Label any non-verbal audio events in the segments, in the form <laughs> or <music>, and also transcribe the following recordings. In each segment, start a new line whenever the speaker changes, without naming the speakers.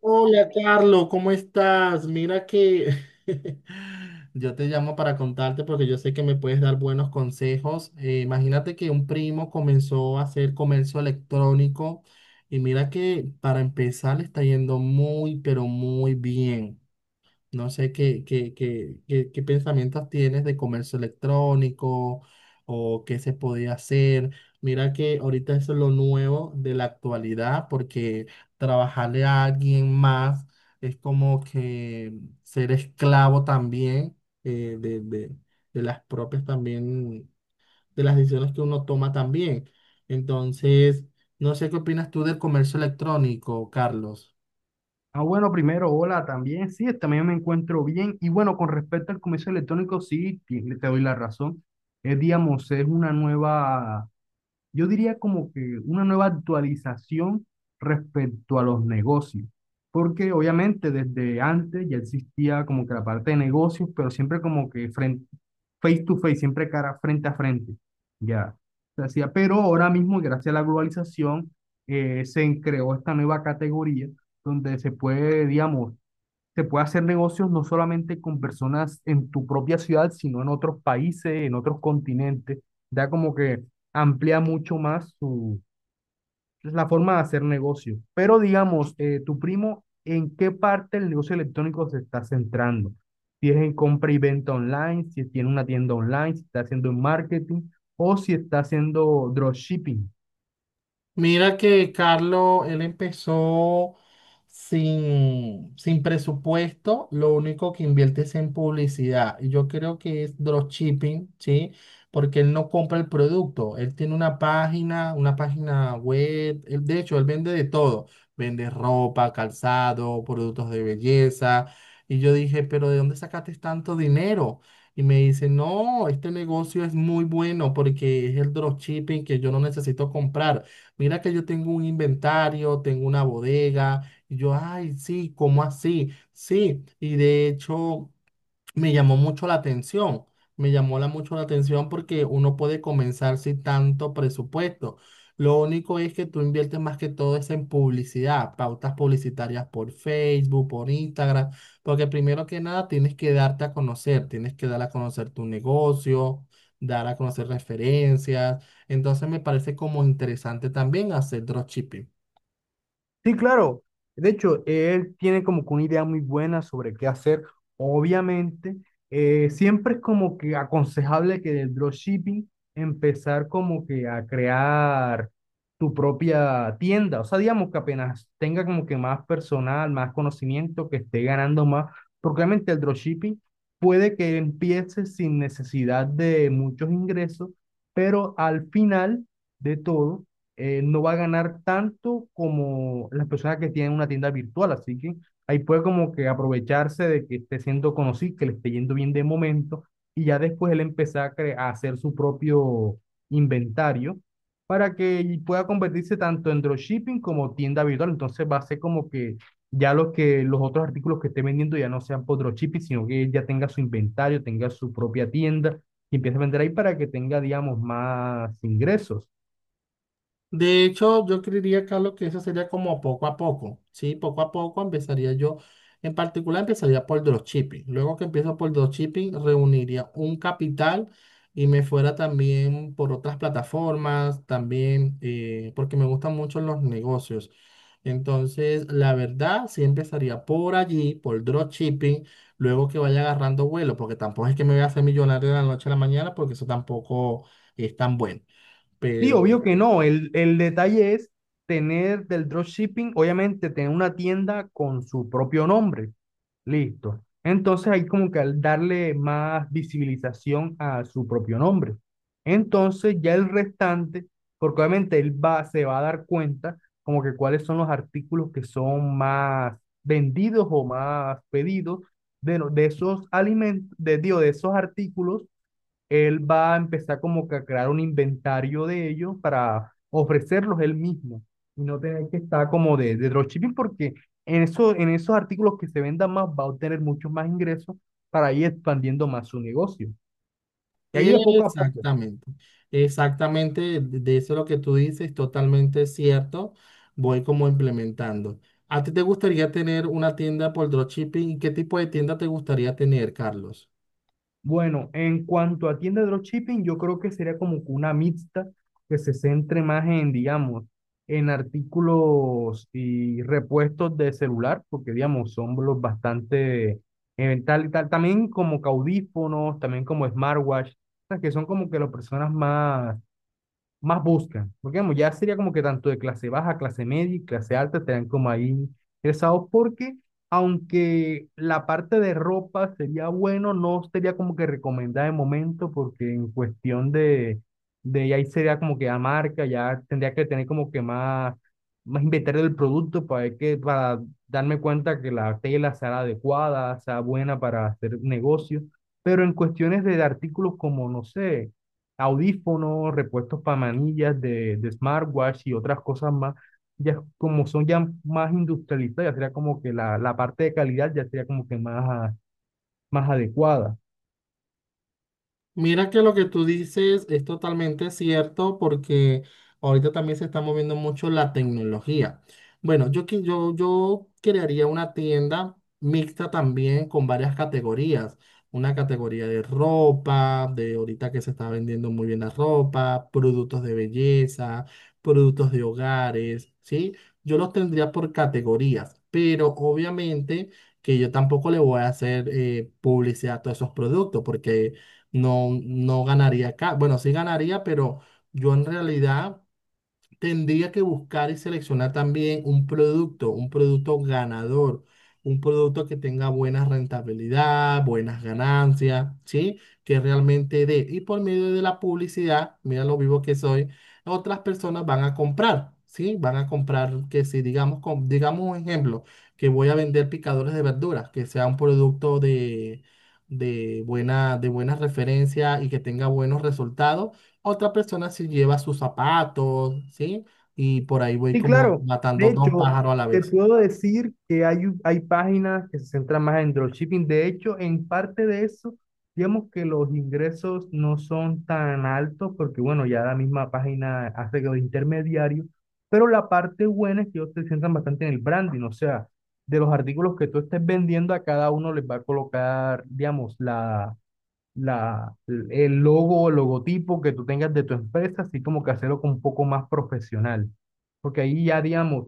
Hola, Carlos, ¿cómo estás? Mira que <laughs> yo te llamo para contarte porque yo sé que me puedes dar buenos consejos. Imagínate que un primo comenzó a hacer comercio electrónico y mira que para empezar le está yendo muy, pero muy bien. No sé qué pensamientos tienes de comercio electrónico o qué se podía hacer. Mira que ahorita eso es lo nuevo de la actualidad porque trabajarle a alguien más es como que ser esclavo también eh, de, de, de las propias también, de las decisiones que uno toma también. Entonces, no sé qué opinas tú del comercio electrónico, Carlos.
Ah, bueno, primero, hola también. Sí, también me encuentro bien. Y bueno, con respecto al comercio electrónico, sí, te doy la razón. Es, digamos, es una nueva, yo diría como que una nueva actualización respecto a los negocios, porque obviamente desde antes ya existía como que la parte de negocios, pero siempre como que frente, face to face, siempre cara frente a frente, ya se hacía. Pero ahora mismo, gracias a la globalización, se creó esta nueva categoría donde se puede, digamos, se puede hacer negocios no solamente con personas en tu propia ciudad, sino en otros países, en otros continentes. Da como que amplía mucho más su, pues, la forma de hacer negocio. Pero digamos, tu primo, ¿en qué parte del negocio electrónico se está centrando? Si es en compra y venta online, si tiene una tienda online, si está haciendo marketing o si está haciendo dropshipping.
Mira que Carlos, él empezó sin presupuesto, lo único que invierte es en publicidad. Y yo creo que es dropshipping, ¿sí? Porque él no compra el producto, él tiene una página web, de hecho, él vende de todo, vende ropa, calzado, productos de belleza. Y yo dije, pero ¿de dónde sacaste tanto dinero? Y me dice, no, este negocio es muy bueno porque es el dropshipping que yo no necesito comprar, mira que yo tengo un inventario, tengo una bodega. Y yo, ay, sí, ¿cómo así? Sí, y de hecho me llamó mucho la atención. Mucho la atención porque uno puede comenzar sin tanto presupuesto. Lo único es que tú inviertes más que todo es en publicidad, pautas publicitarias por Facebook, por Instagram, porque primero que nada tienes que darte a conocer, tienes que dar a conocer tu negocio, dar a conocer referencias. Entonces me parece como interesante también hacer dropshipping.
Sí, claro. De hecho, él tiene como que una idea muy buena sobre qué hacer. Obviamente, siempre es como que aconsejable que del dropshipping empezar como que a crear tu propia tienda. O sea, digamos que apenas tenga como que más personal, más conocimiento, que esté ganando más. Porque obviamente el dropshipping puede que empiece sin necesidad de muchos ingresos, pero al final de todo, no va a ganar tanto como las personas que tienen una tienda virtual. Así que ahí puede como que aprovecharse de que esté siendo conocido, que le esté yendo bien de momento, y ya después él empezar a hacer su propio inventario para que pueda convertirse tanto en dropshipping como tienda virtual. Entonces va a ser como que ya los que los otros artículos que esté vendiendo ya no sean por dropshipping, sino que él ya tenga su inventario, tenga su propia tienda y empiece a vender ahí para que tenga, digamos, más ingresos.
De hecho, yo creería, Carlos, que eso sería como poco a poco, ¿sí? Poco a poco empezaría yo, en particular empezaría por dropshipping. Luego que empiezo por dropshipping, reuniría un capital y me fuera también por otras plataformas, también, porque me gustan mucho los negocios. Entonces, la verdad, sí empezaría por allí, por dropshipping, luego que vaya agarrando vuelo, porque tampoco es que me voy a hacer millonario de la noche a la mañana, porque eso tampoco es tan bueno.
Sí,
Pero
obvio que no. El detalle es tener del dropshipping, obviamente tener una tienda con su propio nombre. Listo. Entonces hay como que al darle más visibilización a su propio nombre. Entonces ya el restante, porque obviamente se va a dar cuenta como que cuáles son los artículos que son más vendidos o más pedidos de, no- de esos alimentos, de, digo, de esos artículos, él va a empezar como que a crear un inventario de ellos para ofrecerlos él mismo y no tener que estar como de dropshipping, porque en esos artículos que se vendan más va a obtener muchos más ingresos para ir expandiendo más su negocio. Y ahí de poco a poco.
exactamente, exactamente, de eso lo que tú dices, totalmente cierto. Voy como implementando. ¿A ti te gustaría tener una tienda por dropshipping? ¿Y qué tipo de tienda te gustaría tener, Carlos?
Bueno, en cuanto a tienda de dropshipping, yo creo que sería como que una mixta que se centre más en, digamos, en artículos y repuestos de celular, porque, digamos, son los bastante, también como que audífonos, también como smartwatch, o sea, que son como que las personas más buscan. Porque digamos, ya sería como que tanto de clase baja, clase media y clase alta estarían como ahí interesados, porque aunque la parte de ropa sería bueno, no sería como que recomendada de momento, porque en cuestión de ahí sería como que la marca, ya tendría que tener como que más inventario del producto para ver que, para darme cuenta que la tela sea adecuada, sea buena para hacer negocio. Pero en cuestiones de artículos como, no sé, audífonos, repuestos para manillas de smartwatch y otras cosas más, ya como son ya más industrializadas, ya sería como que la parte de calidad ya sería como que más, más adecuada.
Mira que lo que tú dices es totalmente cierto porque ahorita también se está moviendo mucho la tecnología. Bueno, yo crearía una tienda mixta también con varias categorías. Una categoría de ropa, de ahorita que se está vendiendo muy bien la ropa, productos de belleza, productos de hogares, ¿sí? Yo los tendría por categorías, pero obviamente que yo tampoco le voy a hacer publicidad a todos esos productos porque no, no ganaría acá. Bueno, sí ganaría, pero yo en realidad tendría que buscar y seleccionar también un producto ganador, un producto que tenga buena rentabilidad, buenas ganancias, ¿sí? Que realmente dé. Y por medio de la publicidad, mira lo vivo que soy, otras personas van a comprar, ¿sí? Van a comprar que si, digamos, digamos un ejemplo, que voy a vender picadores de verduras, que sea un producto de de buena referencia y que tenga buenos resultados, otra persona sí lleva sus zapatos, ¿sí? Y por ahí voy
Sí,
como
claro. De
matando dos
hecho,
pájaros a la
te
vez.
puedo decir que hay páginas que se centran más en dropshipping. De hecho, en parte de eso, digamos que los ingresos no son tan altos, porque, bueno, ya la misma página hace que los intermediarios, pero la parte buena es que ellos se centran bastante en el branding. O sea, de los artículos que tú estés vendiendo, a cada uno les va a colocar, digamos, el logo o logotipo que tú tengas de tu empresa, así como que hacerlo con un poco más profesional. Porque ahí ya, digamos,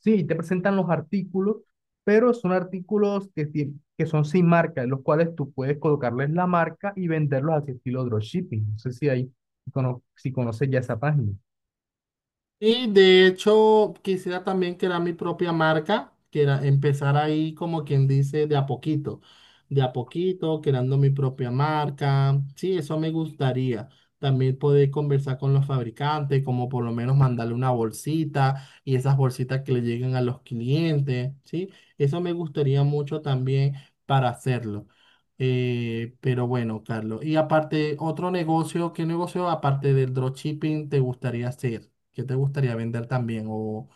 sí, te presentan los artículos, pero son artículos que son sin marca, en los cuales tú puedes colocarles la marca y venderlos así estilo dropshipping. No sé si ahí, si conoces ya esa página.
Y de hecho, quisiera también crear mi propia marca, que era empezar ahí como quien dice de a poquito, creando mi propia marca. Sí, eso me gustaría. También poder conversar con los fabricantes, como por lo menos mandarle una bolsita y esas bolsitas que le lleguen a los clientes, ¿sí? Eso me gustaría mucho también para hacerlo. Pero bueno, Carlos, y aparte, otro negocio, ¿qué negocio aparte del dropshipping te gustaría hacer? ¿Qué te gustaría vender también?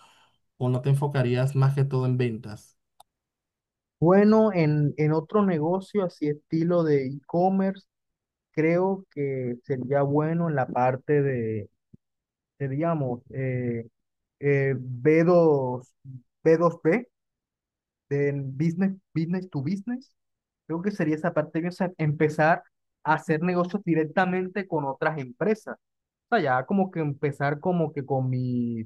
O no te enfocarías más que todo en ventas?
Bueno, en otro negocio así estilo de e-commerce, creo que sería bueno en la parte de, seríamos, eh, b dos b dos b, del business, to business. Creo que sería esa parte, o sea, empezar a hacer negocios directamente con otras empresas. O sea, ya como que empezar como que con mi,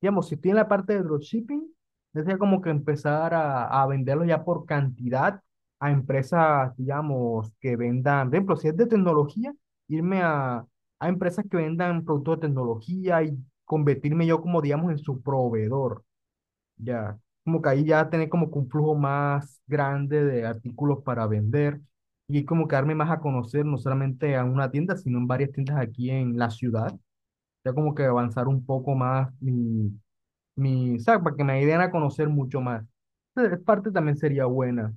digamos, si estoy en la parte de dropshipping, sería como que empezar a venderlo ya por cantidad a empresas, digamos, que vendan, por ejemplo, si es de tecnología, irme a empresas que vendan productos de tecnología y convertirme yo como, digamos, en su proveedor, ya. Como que ahí ya tener como que un flujo más grande de artículos para vender y como que darme más a conocer, no solamente a una tienda, sino en varias tiendas aquí en la ciudad, ya como que avanzar un poco más mi, o sea, para que me den a conocer mucho más. Entonces, parte también sería buena.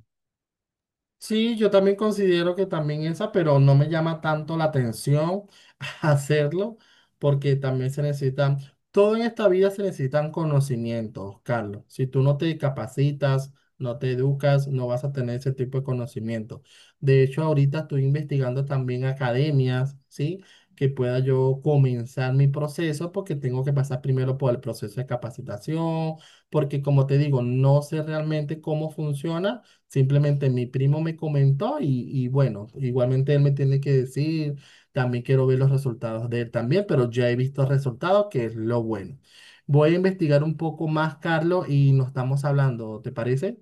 Sí, yo también considero que también esa, pero no me llama tanto la atención <laughs> hacerlo, porque también se necesitan, todo en esta vida se necesitan conocimientos, Carlos. Si tú no te capacitas, no te educas, no vas a tener ese tipo de conocimiento. De hecho, ahorita estoy investigando también academias, ¿sí? Que pueda yo comenzar mi proceso, porque tengo que pasar primero por el proceso de capacitación, porque como te digo, no sé realmente cómo funciona. Simplemente mi primo me comentó y bueno, igualmente él me tiene que decir, también quiero ver los resultados de él también, pero ya he visto resultados, que es lo bueno. Voy a investigar un poco más, Carlos, y nos estamos hablando, ¿te parece?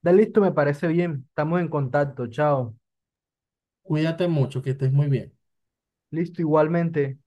Da listo, me parece bien. Estamos en contacto. Chao.
Cuídate mucho, que estés muy bien.
Listo, igualmente.